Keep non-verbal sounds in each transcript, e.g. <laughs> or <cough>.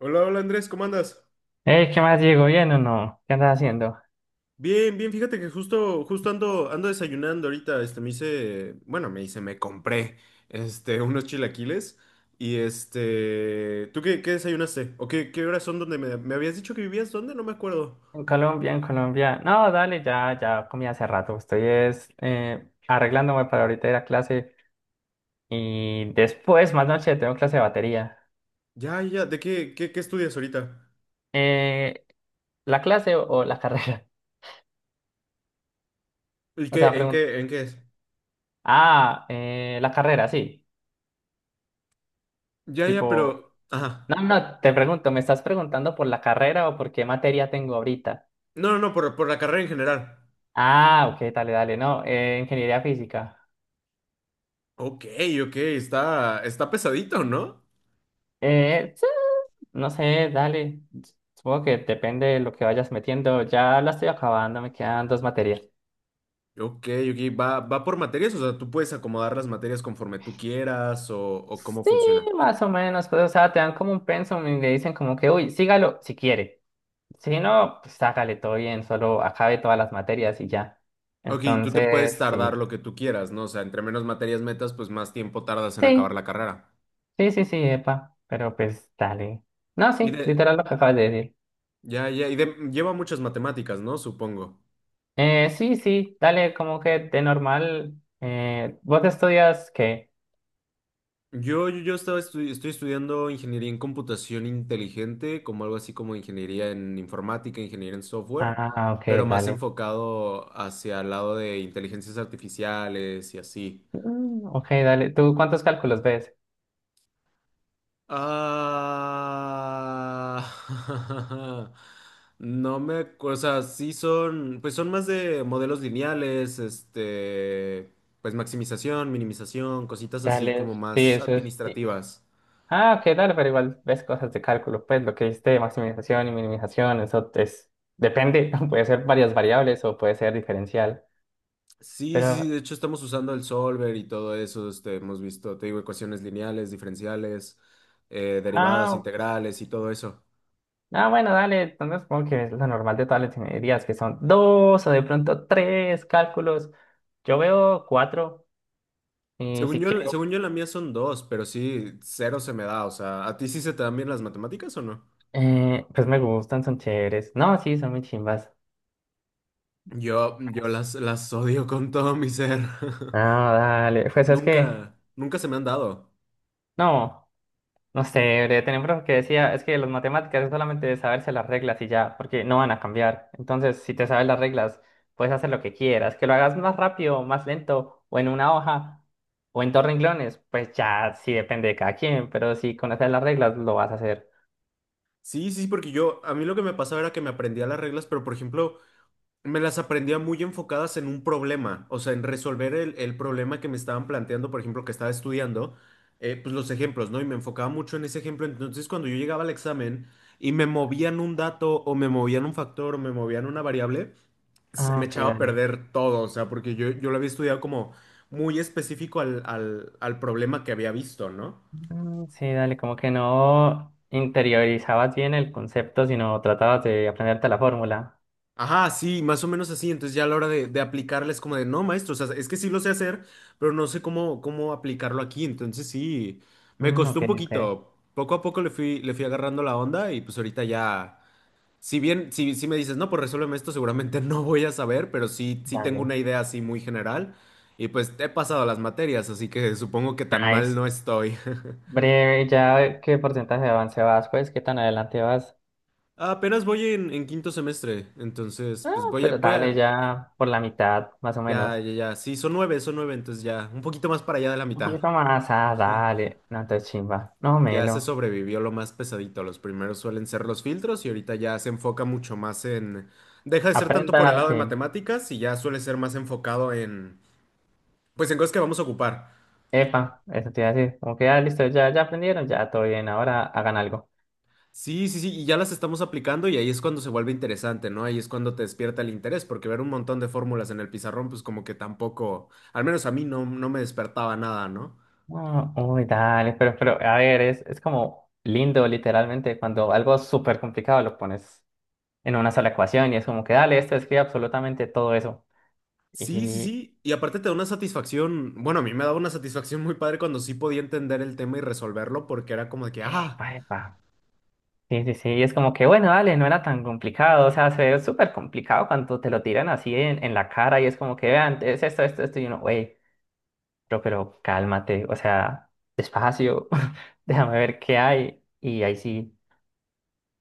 Hola, hola Andrés, ¿cómo andas? ¿Qué más, Diego? ¿Bien o no? ¿Qué andas haciendo? Bien, bien, fíjate que justo ando, desayunando ahorita, este, me hice, bueno, me compré, este, <laughs> unos chilaquiles y este, ¿tú qué, qué desayunaste? ¿O qué, qué horas son donde me habías dicho que vivías? ¿Dónde? No me acuerdo. En Colombia, en Colombia. No, dale, ya, ya comí hace rato. Estoy es arreglándome para ahorita ir a clase y después, más noche, tengo clase de batería. Ya, ya, ¿de qué, qué estudias ahorita? Eh, ¿La clase o la carrera? <laughs> ¿Y O sea, qué, en pregunto. qué, en qué es? Ah, la carrera, sí. Ya, ya, Tipo, pero, ajá. no, no, te pregunto, ¿me estás preguntando por la carrera o por qué materia tengo ahorita? No, no, no, por la carrera en general. Ah, ok, dale, dale, no, ingeniería física. Ok, ok, está, está pesadito, ¿no? Eh, No sé, dale. Supongo que depende de lo que vayas metiendo. Ya la estoy acabando, me quedan dos materias. Ok, ok, va, va por materias, o sea, tú puedes acomodar las materias conforme tú quieras o cómo Sí, funciona. más o menos. Pues, o sea, te dan como un pensum y le dicen como que, uy, sígalo si quiere. Si no, pues hágale todo bien, solo acabe todas las materias y ya. Ok, tú te puedes Entonces, tardar sí. lo que tú quieras, ¿no? O sea, entre menos materias metas, pues más tiempo tardas en acabar Sí, la carrera. sí, sí, sí, epa. Pero pues dale. No, Y sí, de, literal lo que acabas de decir. ya, ya, y de, lleva muchas matemáticas, ¿no? Supongo. Sí, sí, dale, como que de normal. ¿Vos estudias qué? Yo estaba estoy estudiando ingeniería en computación inteligente, como algo así como ingeniería en informática, ingeniería en software, Ah, ok, pero más dale. enfocado hacia el lado de inteligencias artificiales y así. Mm, ok, dale. ¿Tú cuántos cálculos ves? Ah, <laughs> no me acuerdo, o sea, sí son, pues son más de modelos lineales, este, pues maximización, minimización, cositas así Dale, como sí, más eso es, sí. administrativas. Ah, ok, dale, pero igual ves cosas de cálculo. Pues lo que viste de maximización y minimización, eso es. Depende, <laughs> puede ser varias variables o puede ser diferencial. Sí, sí, sí, Pero, de hecho estamos usando el solver y todo eso, este, hemos visto, te digo, ecuaciones lineales, diferenciales, derivadas, ah, ok. integrales y todo eso. Ah, bueno, dale. Entonces supongo que es lo normal de todas las ingenierías, que son dos o de pronto tres cálculos. Yo veo cuatro. Y si quiero, Según yo la mía son dos, pero sí, cero se me da, o sea, ¿a ti sí se te dan bien las matemáticas o no? Pues me gustan, son chéveres. No, sí, son muy chimbas. Yo las odio con todo mi ser. No, <laughs> dale. Pues es que. Nunca, nunca se me han dado. No. No sé, breve, tenía un profe que decía, es que las matemáticas es solamente de saberse las reglas y ya, porque no van a cambiar. Entonces, si te sabes las reglas, puedes hacer lo que quieras, que lo hagas más rápido, más lento, o en una hoja, o en dos renglones, pues ya sí depende de cada quien, pero si conoces las reglas, lo vas a hacer. Sí, sí, porque yo, a mí lo que me pasaba era que me aprendía las reglas, pero por ejemplo, me las aprendía muy enfocadas en un problema, o sea, en resolver el problema que me estaban planteando, por ejemplo, que estaba estudiando, pues los ejemplos, ¿no? Y me enfocaba mucho en ese ejemplo. Entonces, cuando yo llegaba al examen y me movían un dato o me movían un factor o me movían una variable, se Ah, me ok, echaba a dale. perder todo, o sea, porque yo lo había estudiado como muy específico al, al, al problema que había visto, ¿no? Mm, sí, dale, como que no interiorizabas bien el concepto, sino tratabas de aprenderte la fórmula. Ajá, sí, más o menos así, entonces ya a la hora de aplicarla es como de, no, maestro, o sea, es que sí lo sé hacer, pero no sé cómo, cómo aplicarlo aquí, entonces sí, me Mm, costó ok, un ok, poquito, poco a poco le fui agarrando la onda y pues ahorita ya, si bien, si, si me dices, no, pues resuélveme esto, seguramente <laughs> no voy a saber, pero sí, sí tengo dale. una idea así muy general. Y pues he pasado las materias, así que supongo que tan mal Nice. no estoy. Breve, ya qué porcentaje de avance vas, pues, qué tan adelante vas. Ah, apenas voy en quinto semestre, entonces Ah, pues voy a, pero voy dale, a, ya por la mitad, más o ya, menos. ya, ya, sí, son nueve, entonces ya, un poquito más para allá de la Un mitad. poquito más, ah, dale. No te chimba, no Ya se melo. sobrevivió lo más pesadito, los primeros suelen ser los filtros y ahorita ya se enfoca mucho más en, deja de ser tanto por el Aprenda, lado de sí. matemáticas y ya suele ser más enfocado en, pues en cosas que vamos a ocupar. Epa, eso te iba a decir. Como que ya listo, ya, ya aprendieron, ya todo bien, ahora hagan algo. Sí, sí, sí, y ya las estamos aplicando y ahí es cuando se vuelve interesante, ¿no? Ahí es cuando te despierta el interés, porque ver un montón de fórmulas en el pizarrón, pues como que tampoco, al menos a mí no, no me despertaba nada, ¿no? Ah, uy, dale, pero, a ver, es como lindo, literalmente, cuando algo súper complicado lo pones en una sola ecuación y es como que dale, esto escribe absolutamente todo eso. Sí, sí, Y, sí. Y aparte te da una satisfacción, bueno, a mí me daba una satisfacción muy padre cuando sí podía entender el tema y resolverlo porque era como de que, ah, epa, epa. Sí, sí, sí, es como que bueno, dale, no era tan complicado, o sea, se ve súper complicado cuando te lo tiran así en la cara y es como que vean, es esto, esto, esto, y uno, güey, pero cálmate, o sea, despacio, <laughs> déjame ver qué hay, y ahí sí,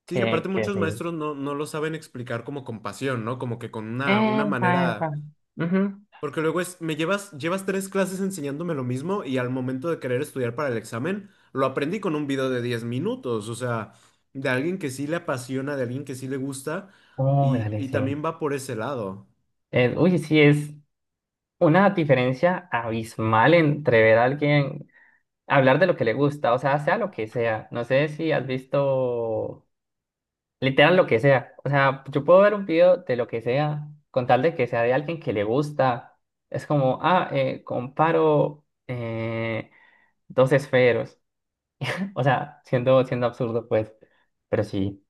sí, y aparte que muchos sí. maestros no, no lo saben explicar como con pasión, ¿no? Como que con una Pa, pa. manera, Ujú. porque luego es, me llevas, llevas tres clases enseñándome lo mismo y al momento de querer estudiar para el examen, lo aprendí con un video de 10 minutos, o sea, de alguien que sí le apasiona, de alguien que sí le gusta Oh, dale, y sí. también va por ese lado. Uy, sí, es una diferencia abismal entre ver a alguien hablar de lo que le gusta, o sea, sea lo que sea. No sé si has visto. Literal lo que sea. O sea, yo puedo ver un video de lo que sea, con tal de que sea de alguien que le gusta. Es como, ah, comparo dos esferos. O sea, siendo, siendo absurdo, pues. Pero sí.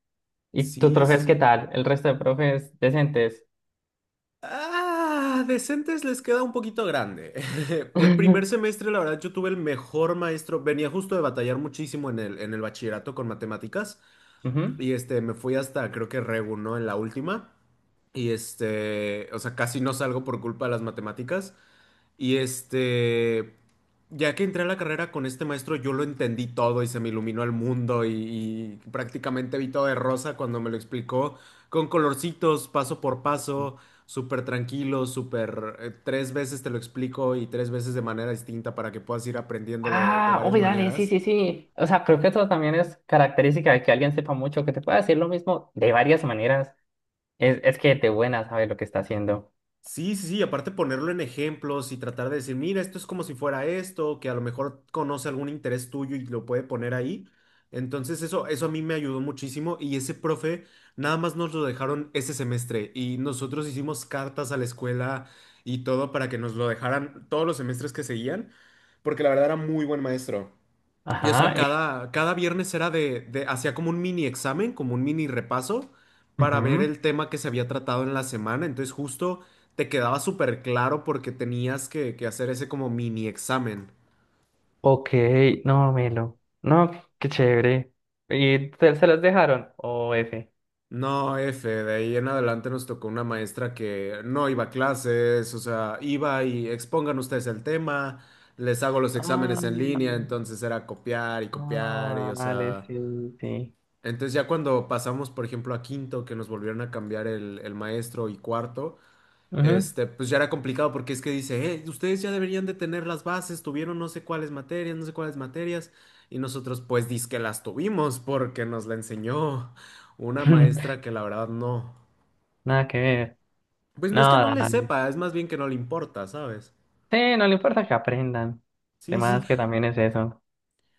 ¿Y tus Sí, sí, profes qué sí. tal? ¿El resto de profes decentes? Ah, decentes les queda un poquito grande. <laughs> El primer <laughs> semestre, la verdad, yo tuve el mejor maestro. Venía justo de batallar muchísimo en el bachillerato con matemáticas. Ujú. Y este, me fui hasta creo que Regu, ¿no? En la última. Y este, o sea, casi no salgo por culpa de las matemáticas. Y este, ya que entré a la carrera con este maestro, yo lo entendí todo y se me iluminó el mundo y prácticamente vi todo de rosa cuando me lo explicó con colorcitos, paso por paso, súper tranquilo, súper... tres veces te lo explico y tres veces de manera distinta para que puedas ir aprendiéndolo de Ah, varias uy, dale, sí, maneras. sí, sí. O sea, creo que eso también es característica de que alguien sepa mucho, que te pueda decir lo mismo de varias maneras. Es que de buena sabe lo que está haciendo. Sí, sí, sí, aparte ponerlo en ejemplos y tratar de decir, mira, esto es como si fuera esto, que a lo mejor conoce algún interés tuyo y lo puede poner ahí. Entonces eso a mí me ayudó muchísimo y ese profe nada más nos lo dejaron ese semestre y nosotros hicimos cartas a la escuela y todo para que nos lo dejaran todos los semestres que seguían, porque la verdad era muy buen maestro. Y o sea, Ajá. Y- cada, cada viernes era de, hacía como un mini examen, como un mini repaso para ver ujú. el tema que se había tratado en la semana. Entonces justo te quedaba súper claro porque tenías que hacer ese como mini examen. Ok, no, melo. No, qué chévere. ¿Y te- se las dejaron? ¿O F? No, F, de ahí en adelante nos tocó una maestra que no iba a clases, o sea, iba y expongan ustedes el tema, les hago los Ah, exámenes en línea, entonces era copiar y copiar y ah, o vale, sea... sí, sí. Entonces ya cuando pasamos, por ejemplo, a quinto, que nos volvieron a cambiar el maestro y cuarto, Ujú. este, pues ya era complicado porque es que dice, ustedes ya deberían de tener las bases, tuvieron no sé cuáles materias, no sé cuáles materias, y nosotros pues dizque las tuvimos porque nos la enseñó una maestra que <laughs> la verdad no. Nada que ver. Pues no es que no No, le dale. sepa, es más bien que no le importa, ¿sabes? Sí, no le importa que aprendan. Sí, sí. Además que también es eso.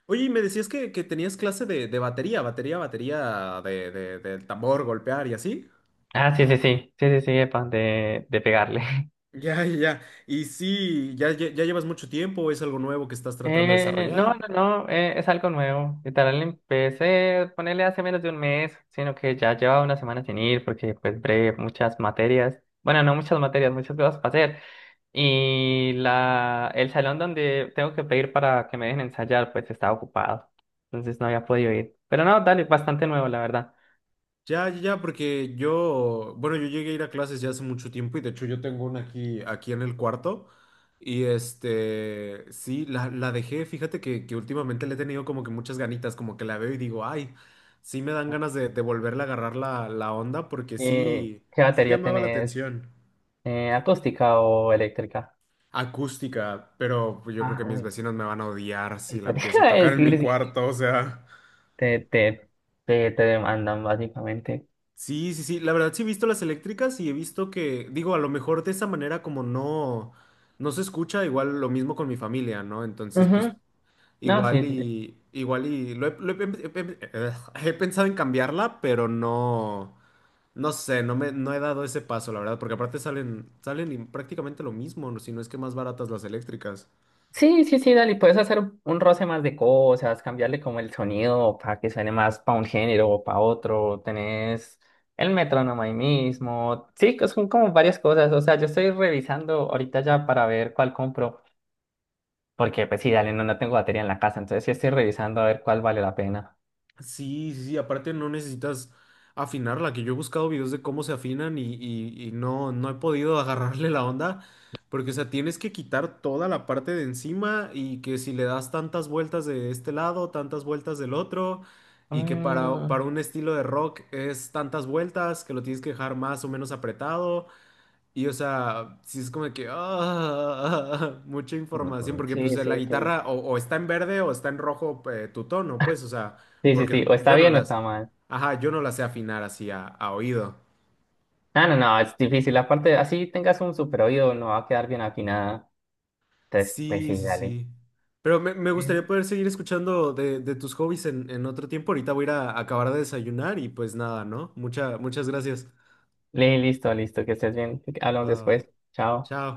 Oye, y me decías que tenías clase de batería, batería, batería de, del tambor, golpear y así. Ah, sí, sí, sí. Sí, sí, sí, epa, de pegarle. <laughs> Ya, ya. ya. Y sí, ya, ya, llevas mucho tiempo, es algo nuevo que estás tratando de no, desarrollar. no, no, es algo nuevo. Literal, empecé a ponerle hace menos de un mes, sino que ya llevaba una semana sin ir porque pues breve, muchas materias. Bueno, no muchas materias, muchas cosas para hacer. Y el salón donde tengo que pedir para que me dejen ensayar, pues estaba ocupado. Entonces no había podido ir. Pero no, dale, bastante nuevo, la verdad. Ya, ya, ya, porque yo, bueno, yo llegué a ir a clases ya hace mucho tiempo y de hecho yo tengo una aquí, aquí en el cuarto. Y este, sí, la dejé, fíjate que últimamente le he tenido como que muchas ganitas, como que la veo y digo, ay, sí me dan ganas de volverle a agarrar la, la onda porque sí, ¿Qué sí batería llamaba la tenés? atención. ¿Acústica o eléctrica? Acústica, pero pues, yo creo que Ah, mis uy, vecinos me van a odiar si la eso te empiezo a iba a tocar <laughs> en sí, mi decir, sí, cuarto, o sea. te, te, te demandan básicamente. Sí, sí, sí, la verdad sí he visto las eléctricas y he visto que, digo, a lo mejor de esa manera como no, no se escucha, igual lo mismo con mi familia, ¿no? Entonces, pues Ujú. No, igual sí, sí, y, igual y, lo he, he pensado en cambiarla, pero no, no sé, no me, no he dado ese paso, la verdad, porque aparte salen, salen y prácticamente lo mismo, ¿no? si no es que más baratas las eléctricas. sí, sí, sí, dale, puedes hacer un roce más de cosas, cambiarle como el sonido para que suene más para un género o para otro, tenés el metrónomo ahí mismo, sí, que son como varias cosas, o sea, yo estoy revisando ahorita ya para ver cuál compro, porque pues sí, dale, no, no tengo batería en la casa, entonces sí estoy revisando a ver cuál vale la pena. Sí, sí, sí, aparte no necesitas afinarla, que yo he buscado videos de cómo se afinan y, y no, no he podido <laughs> agarrarle la onda, porque o sea, tienes que quitar toda la parte de encima y que si le das tantas vueltas de este lado, tantas vueltas del otro, y que Mm, para un estilo de rock es tantas vueltas, que lo tienes que dejar más o menos apretado, y o sea, sí es como de que ah, <laughs> mucha información, mm, porque pues sí, sí, la sí. guitarra o está en verde o está en rojo tu tono, pues, o sea, Sí, sí, sí, porque o está yo no bien o las, está mal. ajá, yo no las sé afinar así a oído. No, no, no, es difícil. Aparte, así tengas un super oído, no va a quedar bien afinada. Entonces, pues Sí, sí, sí, dale. sí. Pero me Eh, gustaría poder seguir escuchando de tus hobbies en otro tiempo. Ahorita voy a ir a acabar de desayunar y pues nada, ¿no? Mucha, muchas gracias. Li- listo, listo, que estés bien. Va, Hablamos va. después. Chao. Chao.